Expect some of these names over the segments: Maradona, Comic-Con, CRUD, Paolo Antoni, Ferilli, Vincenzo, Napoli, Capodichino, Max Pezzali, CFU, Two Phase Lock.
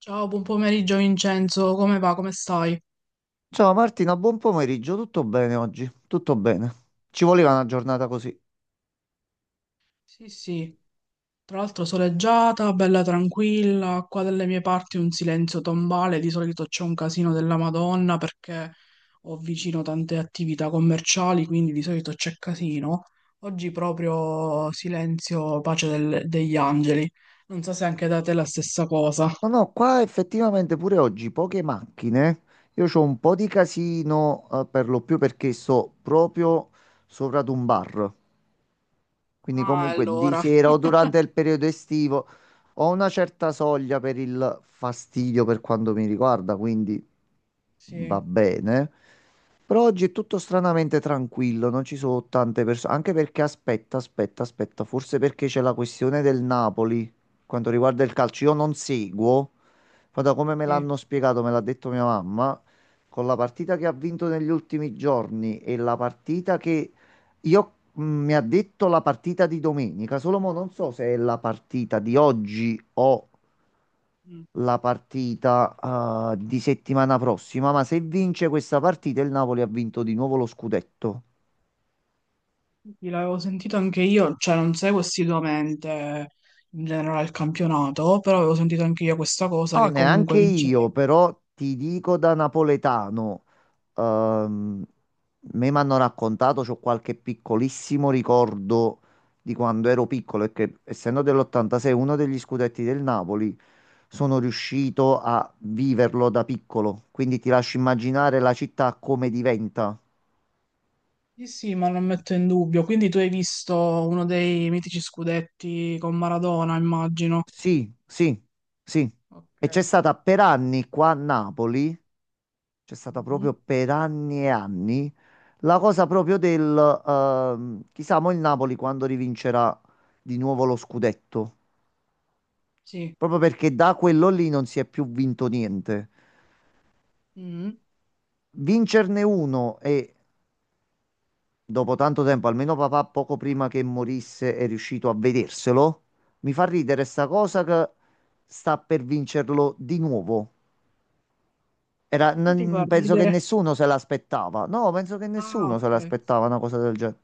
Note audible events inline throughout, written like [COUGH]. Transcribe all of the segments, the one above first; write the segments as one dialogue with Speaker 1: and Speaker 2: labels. Speaker 1: Ciao, buon pomeriggio Vincenzo, come va? Come stai?
Speaker 2: Ciao Martina, buon pomeriggio, tutto bene oggi? Tutto bene. Ci voleva una giornata così.
Speaker 1: Sì, sì, tra l'altro soleggiata, bella tranquilla, qua dalle mie parti un silenzio tombale, di solito c'è un casino della Madonna perché ho vicino tante attività commerciali, quindi di solito c'è casino. Oggi proprio silenzio, pace degli angeli. Non so se anche da te è la stessa cosa.
Speaker 2: No, no, qua effettivamente pure oggi poche macchine. Io ho un po' di casino, per lo più perché sto proprio sopra ad un bar. Quindi
Speaker 1: Ah,
Speaker 2: comunque di
Speaker 1: allora,
Speaker 2: sera o durante il periodo estivo ho una certa soglia per il fastidio per quanto mi riguarda, quindi va
Speaker 1: sì,
Speaker 2: bene. Però oggi è tutto stranamente tranquillo, non ci sono tante persone, anche perché aspetta, aspetta, aspetta, forse perché c'è la questione del Napoli, quanto riguarda il calcio, io non seguo, ma da come me
Speaker 1: sì.
Speaker 2: l'hanno spiegato, me l'ha detto mia mamma, con la partita che ha vinto negli ultimi giorni e la partita che io mi ha detto la partita di domenica, solo mo non so se è la partita di oggi o
Speaker 1: Mm.
Speaker 2: la partita di settimana prossima, ma se vince questa partita il Napoli ha vinto di nuovo lo scudetto.
Speaker 1: Sì, l'avevo sentito anche io, cioè non seguo assiduamente in generale il campionato, però avevo sentito anche io questa cosa
Speaker 2: No,
Speaker 1: che comunque
Speaker 2: neanche io,
Speaker 1: vincerebbe.
Speaker 2: però ti dico da napoletano, ehm, me mi hanno raccontato, c'ho qualche piccolissimo ricordo di quando ero piccolo e che essendo dell'86 uno degli scudetti del Napoli, sono riuscito a viverlo da piccolo, quindi ti lascio immaginare la città come diventa.
Speaker 1: Sì, sì, ma non metto in dubbio. Quindi tu hai visto uno dei mitici scudetti con Maradona, immagino.
Speaker 2: Sì, sì, sì. E c'è
Speaker 1: Ok.
Speaker 2: stata per anni qua a Napoli, c'è stata
Speaker 1: Mhm.
Speaker 2: proprio per anni e anni la cosa proprio del chissà mo il Napoli quando rivincerà di nuovo lo scudetto.
Speaker 1: Sì.
Speaker 2: Proprio perché da quello lì non si è più vinto niente.
Speaker 1: Mhm.
Speaker 2: Vincerne uno e dopo tanto tempo, almeno papà poco prima che morisse è riuscito a vederselo. Mi fa ridere sta cosa che sta per vincerlo di nuovo.
Speaker 1: Perché ti fa
Speaker 2: Penso che
Speaker 1: ridere?
Speaker 2: nessuno se l'aspettava. No, penso che
Speaker 1: Ah,
Speaker 2: nessuno se
Speaker 1: ok.
Speaker 2: l'aspettava una cosa del genere.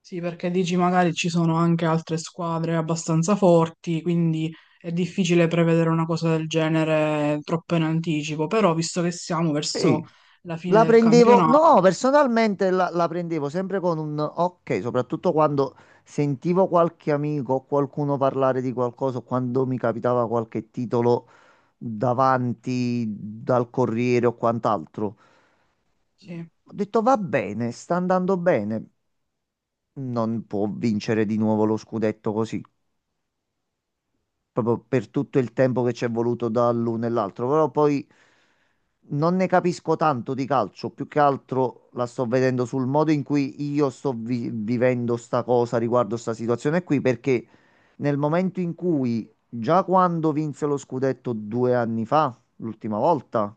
Speaker 1: Sì, perché dici magari ci sono anche altre squadre abbastanza forti, quindi è difficile prevedere una cosa del genere troppo in anticipo, però visto che siamo
Speaker 2: Sì.
Speaker 1: verso la fine
Speaker 2: La
Speaker 1: del
Speaker 2: prendevo,
Speaker 1: campionato,
Speaker 2: no, personalmente la prendevo sempre con un ok, soprattutto quando sentivo qualche amico o qualcuno parlare di qualcosa, o quando mi capitava qualche titolo davanti dal Corriere o quant'altro.
Speaker 1: sì,
Speaker 2: Ho detto va bene, sta andando bene, non può vincere di nuovo lo scudetto così, proprio per tutto il tempo che ci è voluto dall'uno e l'altro, però poi non ne capisco tanto di calcio, più che altro la sto vedendo sul modo in cui io sto vivendo sta cosa riguardo sta situazione qui, perché nel momento in cui, già quando vinse lo scudetto 2 anni fa, l'ultima volta,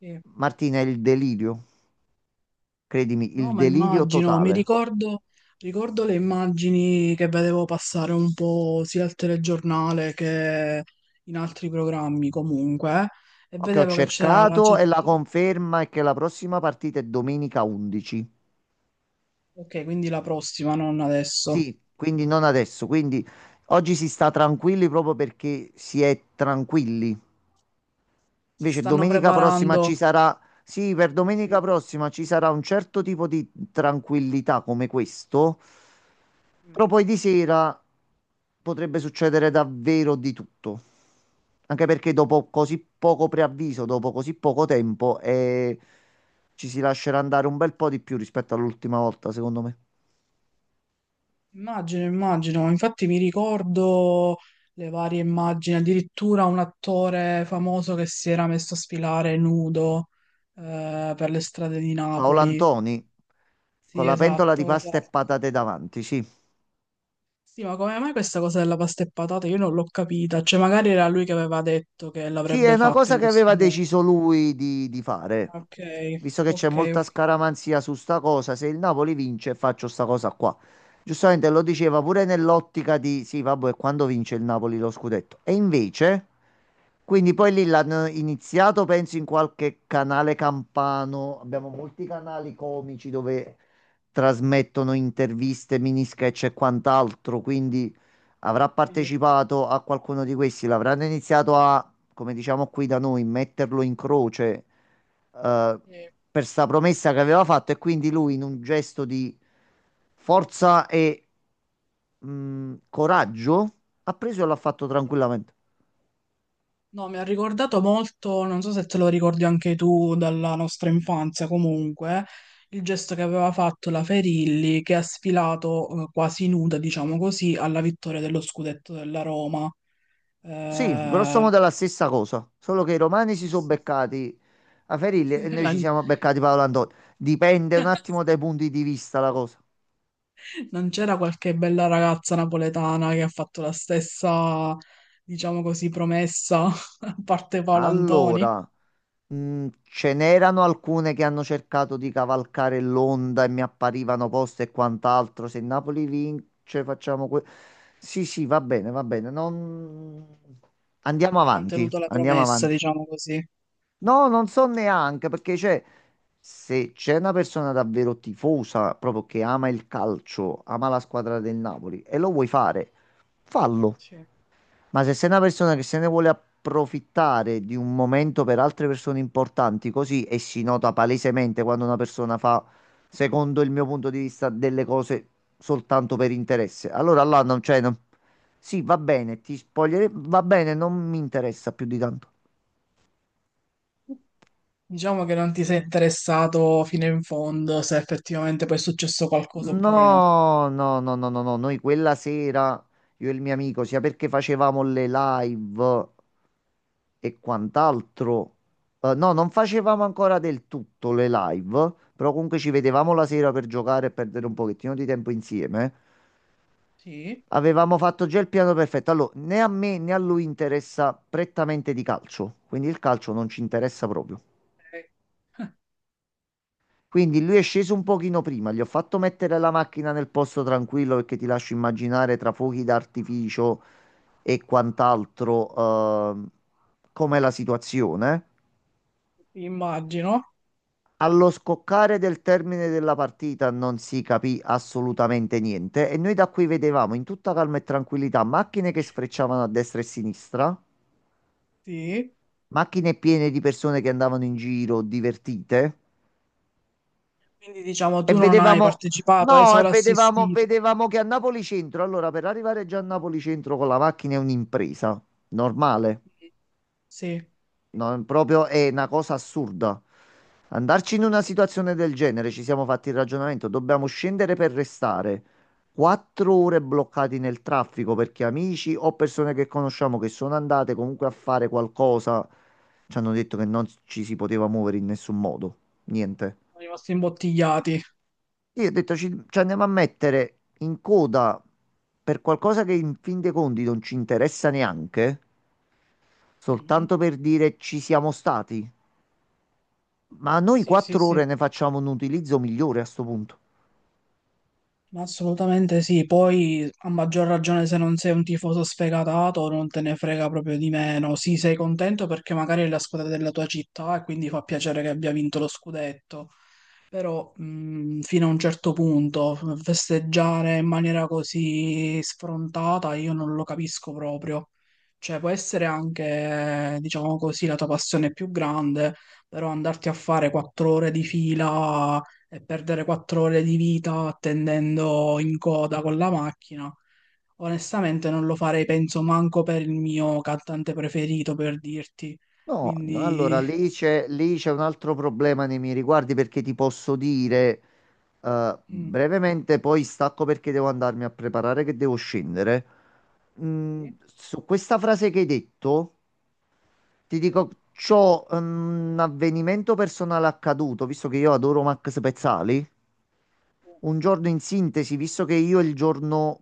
Speaker 1: sì.
Speaker 2: Martina, è il delirio, credimi,
Speaker 1: No,
Speaker 2: il
Speaker 1: ma
Speaker 2: delirio
Speaker 1: immagino, mi
Speaker 2: totale.
Speaker 1: ricordo, ricordo le immagini che vedevo passare un po' sia al telegiornale che in altri programmi comunque, e
Speaker 2: Che ho
Speaker 1: vedevo che c'era la
Speaker 2: cercato e la
Speaker 1: CT,
Speaker 2: conferma è che la prossima partita è domenica 11.
Speaker 1: ok, quindi la prossima, non adesso.
Speaker 2: Sì, quindi non adesso. Quindi oggi si sta tranquilli proprio perché si è tranquilli.
Speaker 1: Si
Speaker 2: Invece
Speaker 1: stanno
Speaker 2: domenica prossima
Speaker 1: preparando.
Speaker 2: ci sarà, sì, per domenica
Speaker 1: Sì.
Speaker 2: prossima ci sarà un certo tipo di tranquillità come questo, però
Speaker 1: Mhm.
Speaker 2: poi di sera potrebbe succedere davvero di tutto. Anche perché dopo così poco preavviso, dopo così poco tempo, ci si lascerà andare un bel po' di più rispetto all'ultima volta, secondo me.
Speaker 1: Immagino, immagino, infatti mi ricordo le varie immagini, addirittura un attore famoso che si era messo a sfilare nudo per le strade di
Speaker 2: Paolo
Speaker 1: Napoli.
Speaker 2: Antoni con
Speaker 1: Sì,
Speaker 2: la pentola di
Speaker 1: esatto,
Speaker 2: pasta e
Speaker 1: esatto.
Speaker 2: patate davanti, sì.
Speaker 1: Sì, ma come mai questa cosa della pasta e patate? Io non l'ho capita, cioè magari era lui che aveva detto che
Speaker 2: Sì, è
Speaker 1: l'avrebbe
Speaker 2: una
Speaker 1: fatto
Speaker 2: cosa
Speaker 1: in
Speaker 2: che
Speaker 1: questo
Speaker 2: aveva
Speaker 1: modo.
Speaker 2: deciso lui di fare.
Speaker 1: Ok,
Speaker 2: Visto che c'è
Speaker 1: ok,
Speaker 2: molta
Speaker 1: ok.
Speaker 2: scaramanzia su sta cosa, se il Napoli vince faccio sta cosa qua. Giustamente lo diceva pure nell'ottica di sì, vabbè, quando vince il Napoli lo scudetto. E invece, quindi poi lì l'hanno iniziato, penso, in qualche canale campano. Abbiamo molti canali comici dove trasmettono interviste, mini sketch e quant'altro, quindi avrà
Speaker 1: Sì,
Speaker 2: partecipato a qualcuno di questi, l'avranno iniziato a, come diciamo qui da noi, metterlo in croce, eh,
Speaker 1: sì.
Speaker 2: per sta promessa che aveva fatto e quindi lui in un gesto di forza e coraggio ha preso e l'ha fatto tranquillamente.
Speaker 1: No, mi ha ricordato molto, non so se te lo ricordi anche tu dalla nostra infanzia comunque, il gesto che aveva fatto la Ferilli che ha sfilato quasi nuda, diciamo così, alla vittoria dello scudetto della Roma.
Speaker 2: Sì, grosso
Speaker 1: Eh,
Speaker 2: modo è la stessa cosa, solo che i romani si
Speaker 1: sì,
Speaker 2: sono
Speaker 1: sì,
Speaker 2: beccati a Ferilli
Speaker 1: sì.
Speaker 2: e
Speaker 1: [LAUGHS]
Speaker 2: noi ci siamo beccati Paolo Antonio. Dipende un attimo dai punti di vista la cosa.
Speaker 1: Non c'era qualche bella ragazza napoletana che ha fatto la stessa, diciamo così, promessa, [LAUGHS] a parte Paolo Antoni?
Speaker 2: Allora, ce n'erano alcune che hanno cercato di cavalcare l'onda e mi apparivano poste e quant'altro. Se il Napoli vince, facciamo sì, sì, va bene, va bene. Non...
Speaker 1: Non
Speaker 2: Andiamo
Speaker 1: hanno
Speaker 2: avanti,
Speaker 1: mantenuto la
Speaker 2: andiamo
Speaker 1: promessa,
Speaker 2: avanti.
Speaker 1: diciamo così.
Speaker 2: No, non so neanche perché c'è. Se c'è una persona davvero tifosa, proprio che ama il calcio, ama la squadra del Napoli e lo vuoi fare, fallo. Ma se sei una persona che se ne vuole approfittare di un momento per altre persone importanti, così e si nota palesemente quando una persona fa, secondo il mio punto di vista, delle cose soltanto per interesse, allora là non c'è. Sì, va bene, ti spoglierei, va bene, non mi interessa più di tanto.
Speaker 1: Diciamo che non ti sei interessato fino in fondo se effettivamente poi è successo qualcosa oppure no.
Speaker 2: No, no, no, no, no, no, noi quella sera, io e il mio amico, sia perché facevamo le live e quant'altro, no, non facevamo ancora del tutto le live, però comunque ci vedevamo la sera per giocare e perdere un pochettino di tempo insieme.
Speaker 1: Sì,
Speaker 2: Avevamo fatto già il piano perfetto. Allora, né a me né a lui interessa prettamente di calcio, quindi il calcio non ci interessa proprio.
Speaker 1: eh,
Speaker 2: Quindi lui è sceso un pochino prima, gli ho fatto mettere la macchina nel posto tranquillo perché ti lascio immaginare tra fuochi d'artificio e quant'altro ehm, com'è la situazione.
Speaker 1: immagino,
Speaker 2: Allo scoccare del termine della partita non si capì assolutamente niente e noi da qui vedevamo in tutta calma e tranquillità macchine che sfrecciavano a destra e a sinistra,
Speaker 1: sì.
Speaker 2: macchine piene di persone che andavano in giro divertite.
Speaker 1: Quindi diciamo
Speaker 2: E
Speaker 1: tu non hai
Speaker 2: vedevamo,
Speaker 1: partecipato, hai
Speaker 2: no, e
Speaker 1: solo
Speaker 2: vedevamo,
Speaker 1: assistito.
Speaker 2: vedevamo che a Napoli Centro, allora per arrivare già a Napoli Centro con la macchina è un'impresa, normale,
Speaker 1: Quindi, sì,
Speaker 2: no, è proprio è una cosa assurda. Andarci in una situazione del genere, ci siamo fatti il ragionamento, dobbiamo scendere per restare 4 ore bloccati nel traffico perché amici o persone che conosciamo che sono andate comunque a fare qualcosa, ci hanno detto che non ci si poteva muovere in nessun modo, niente.
Speaker 1: sono rimasti imbottigliati.
Speaker 2: Io ho detto ci andiamo a mettere in coda per qualcosa che in fin dei conti non ci interessa neanche,
Speaker 1: Mhm.
Speaker 2: soltanto per dire ci siamo stati. Ma noi
Speaker 1: Sì, sì,
Speaker 2: quattro
Speaker 1: sì.
Speaker 2: ore ne facciamo un utilizzo migliore a sto punto.
Speaker 1: Ma assolutamente sì, poi a maggior ragione se non sei un tifoso sfegatato non te ne frega proprio di meno. Sì, sei contento perché magari è la squadra della tua città e quindi fa piacere che abbia vinto lo scudetto, però fino a un certo punto festeggiare in maniera così sfrontata io non lo capisco proprio. Cioè può essere anche, diciamo così, la tua passione più grande, però andarti a fare 4 ore di fila e perdere 4 ore di vita attendendo in coda con la macchina, onestamente non lo farei, penso, manco per il mio cantante preferito, per dirti.
Speaker 2: No, no, allora
Speaker 1: Quindi...
Speaker 2: lì c'è un altro problema nei miei riguardi perché ti posso dire
Speaker 1: mm.
Speaker 2: brevemente, poi stacco perché devo andarmi a preparare che devo scendere.
Speaker 1: Sì,
Speaker 2: Su questa frase che hai detto. Ti
Speaker 1: sì,
Speaker 2: dico, c'ho un avvenimento personale accaduto, visto che io adoro Max Pezzali.
Speaker 1: sì,
Speaker 2: Un giorno in sintesi, visto che io il giorno,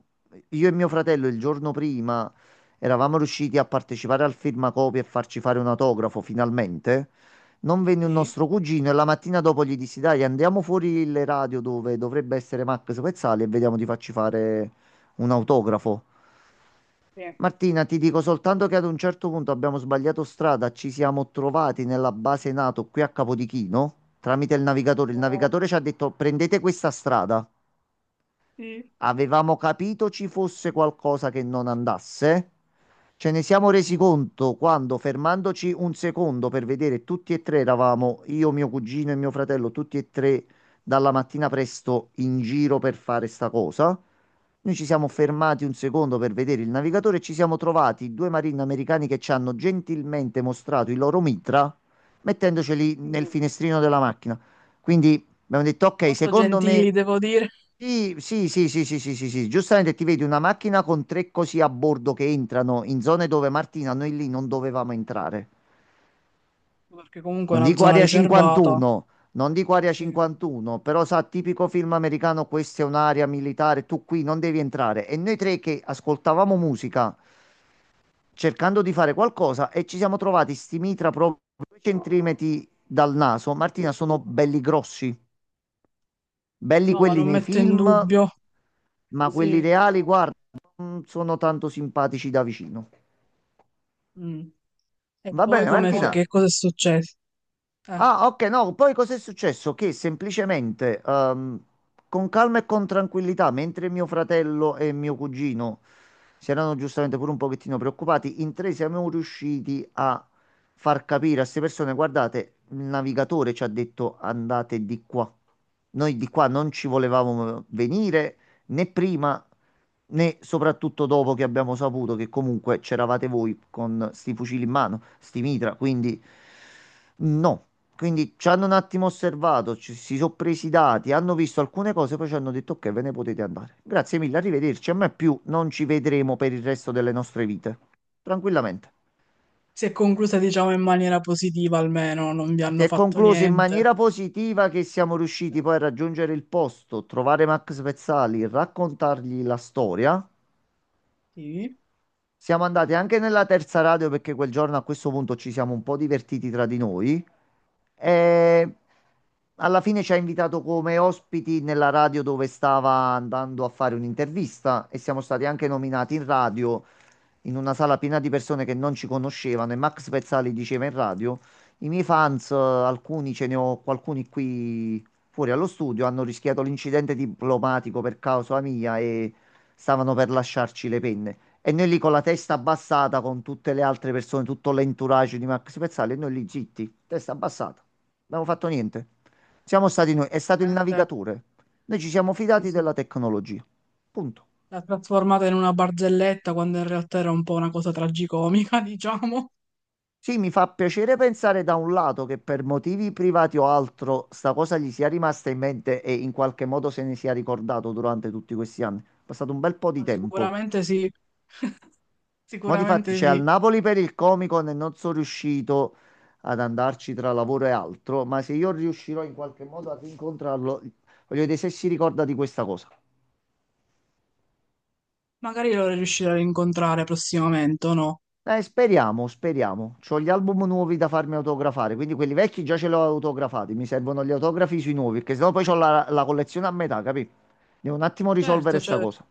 Speaker 2: io e mio fratello il giorno prima eravamo riusciti a partecipare al firmacopie e farci fare un autografo finalmente, non venne un
Speaker 1: sì,
Speaker 2: nostro cugino e la mattina dopo gli dissi, dai, andiamo fuori le radio dove dovrebbe essere Max Pezzali e vediamo di farci fare un autografo.
Speaker 1: sì,
Speaker 2: Martina, ti dico soltanto che ad un certo punto abbiamo sbagliato strada, ci siamo trovati nella base NATO qui a Capodichino tramite il navigatore. Il
Speaker 1: oh,
Speaker 2: navigatore ci ha detto prendete questa strada.
Speaker 1: sì,
Speaker 2: Avevamo capito ci fosse qualcosa che non andasse. Ce ne siamo resi
Speaker 1: sì,
Speaker 2: conto quando, fermandoci un secondo per vedere, tutti e tre eravamo io, mio cugino e mio fratello, tutti e tre dalla mattina presto in giro per fare sta cosa. Noi ci siamo
Speaker 1: sì.
Speaker 2: fermati un secondo per vedere il navigatore e ci siamo trovati due marini americani che ci hanno gentilmente mostrato il loro mitra mettendoceli nel
Speaker 1: Mm.
Speaker 2: finestrino della macchina. Quindi abbiamo detto, ok,
Speaker 1: Molto
Speaker 2: secondo me...
Speaker 1: gentili, devo dire,
Speaker 2: Sì, sì, sì, sì, sì, sì, sì, sì. Giustamente ti vedi una macchina con tre così a bordo che entrano in zone dove Martina noi lì non dovevamo entrare.
Speaker 1: perché comunque è
Speaker 2: Non
Speaker 1: una
Speaker 2: dico
Speaker 1: zona
Speaker 2: Area
Speaker 1: riservata.
Speaker 2: 51, non dico Area
Speaker 1: Sì,
Speaker 2: 51, però sa, tipico film americano, questa è un'area militare, tu qui non devi entrare. E noi tre che
Speaker 1: sì.
Speaker 2: ascoltavamo musica cercando di fare qualcosa e ci siamo trovati sti mitra proprio 2 centimetri dal naso. Martina, sono belli grossi. Belli
Speaker 1: No, ma
Speaker 2: quelli
Speaker 1: non
Speaker 2: nei
Speaker 1: metto in
Speaker 2: film,
Speaker 1: dubbio.
Speaker 2: ma quelli
Speaker 1: Sì.
Speaker 2: reali, guarda, non sono tanto simpatici da vicino.
Speaker 1: Mm. E
Speaker 2: Va
Speaker 1: poi
Speaker 2: bene,
Speaker 1: come
Speaker 2: Martina. Allora,
Speaker 1: che cosa è successo? Eh.
Speaker 2: ah, ok, no, poi cos'è successo? Che semplicemente, con calma e con tranquillità, mentre mio fratello e mio cugino si erano giustamente pure un pochettino preoccupati, in tre siamo riusciti a far capire a queste persone, guardate, il navigatore ci ha detto andate di qua. Noi di qua non ci volevamo venire, né prima né soprattutto dopo che abbiamo saputo che comunque c'eravate voi con sti fucili in mano, sti mitra, quindi no. Quindi ci hanno un attimo osservato, si sono presi i dati, hanno visto alcune cose, poi ci hanno detto ok, ve ne potete andare. Grazie mille, arrivederci. A me più non ci vedremo per il resto delle nostre vite. Tranquillamente.
Speaker 1: Si è conclusa, diciamo, in maniera positiva almeno, non vi
Speaker 2: Si
Speaker 1: hanno
Speaker 2: è
Speaker 1: fatto
Speaker 2: concluso in
Speaker 1: niente.
Speaker 2: maniera positiva che siamo riusciti poi a raggiungere il posto, trovare Max Pezzali, raccontargli la storia.
Speaker 1: Sì,
Speaker 2: Siamo andati anche nella terza radio perché quel giorno a questo punto ci siamo un po' divertiti tra di noi e alla fine ci ha invitato come ospiti nella radio dove stava andando a fare un'intervista e siamo stati anche nominati in radio in una sala piena di persone che non ci conoscevano e Max Pezzali diceva in radio, i miei fans, alcuni ce ne ho, alcuni qui fuori allo studio, hanno rischiato l'incidente diplomatico per causa mia e stavano per lasciarci le penne. E noi lì con la testa abbassata, con tutte le altre persone, tutto l'entourage di Max Pezzali, e noi lì zitti, testa abbassata. Non abbiamo fatto niente. Siamo stati noi, è stato il
Speaker 1: niente.
Speaker 2: navigatore. Noi ci siamo
Speaker 1: Sì,
Speaker 2: fidati
Speaker 1: sì.
Speaker 2: della tecnologia. Punto.
Speaker 1: L'ha trasformata in una barzelletta quando in realtà era un po' una cosa tragicomica, [LAUGHS] diciamo.
Speaker 2: Sì, mi fa piacere pensare da un lato che per motivi privati o altro sta cosa gli sia rimasta in mente e in qualche modo se ne sia ricordato durante tutti questi anni. È passato un bel po' di
Speaker 1: Ma
Speaker 2: tempo.
Speaker 1: sicuramente sì, [LAUGHS]
Speaker 2: Ma di fatti
Speaker 1: sicuramente
Speaker 2: c'è al
Speaker 1: sì.
Speaker 2: Napoli per il Comic-Con e non sono riuscito ad andarci tra lavoro e altro, ma se io riuscirò in qualche modo a rincontrarlo, voglio vedere se si ricorda di questa cosa.
Speaker 1: Magari lo riuscirò a rincontrare prossimamente, o no?
Speaker 2: Speriamo, speriamo. C'ho gli album nuovi da farmi autografare, quindi quelli vecchi già ce li ho autografati. Mi servono gli autografi sui nuovi, perché sennò poi ho la collezione a metà, capì? Devo un attimo risolvere
Speaker 1: Certo,
Speaker 2: sta
Speaker 1: certo.
Speaker 2: cosa.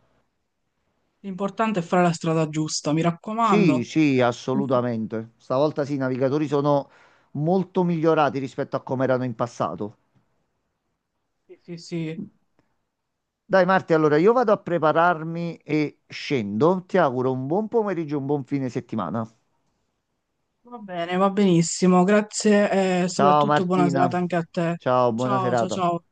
Speaker 1: L'importante è fare la strada giusta, mi
Speaker 2: Sì,
Speaker 1: raccomando.
Speaker 2: sì, assolutamente. Stavolta sì, i navigatori sono molto migliorati rispetto a come erano in passato.
Speaker 1: Sì, sì, sì.
Speaker 2: Dai Marti, allora io vado a prepararmi e scendo. Ti auguro un buon pomeriggio e un buon fine settimana.
Speaker 1: Va bene, va benissimo. Grazie e
Speaker 2: Ciao
Speaker 1: soprattutto buona
Speaker 2: Martina.
Speaker 1: serata anche a te.
Speaker 2: Ciao, buona
Speaker 1: Ciao, ciao,
Speaker 2: serata.
Speaker 1: ciao.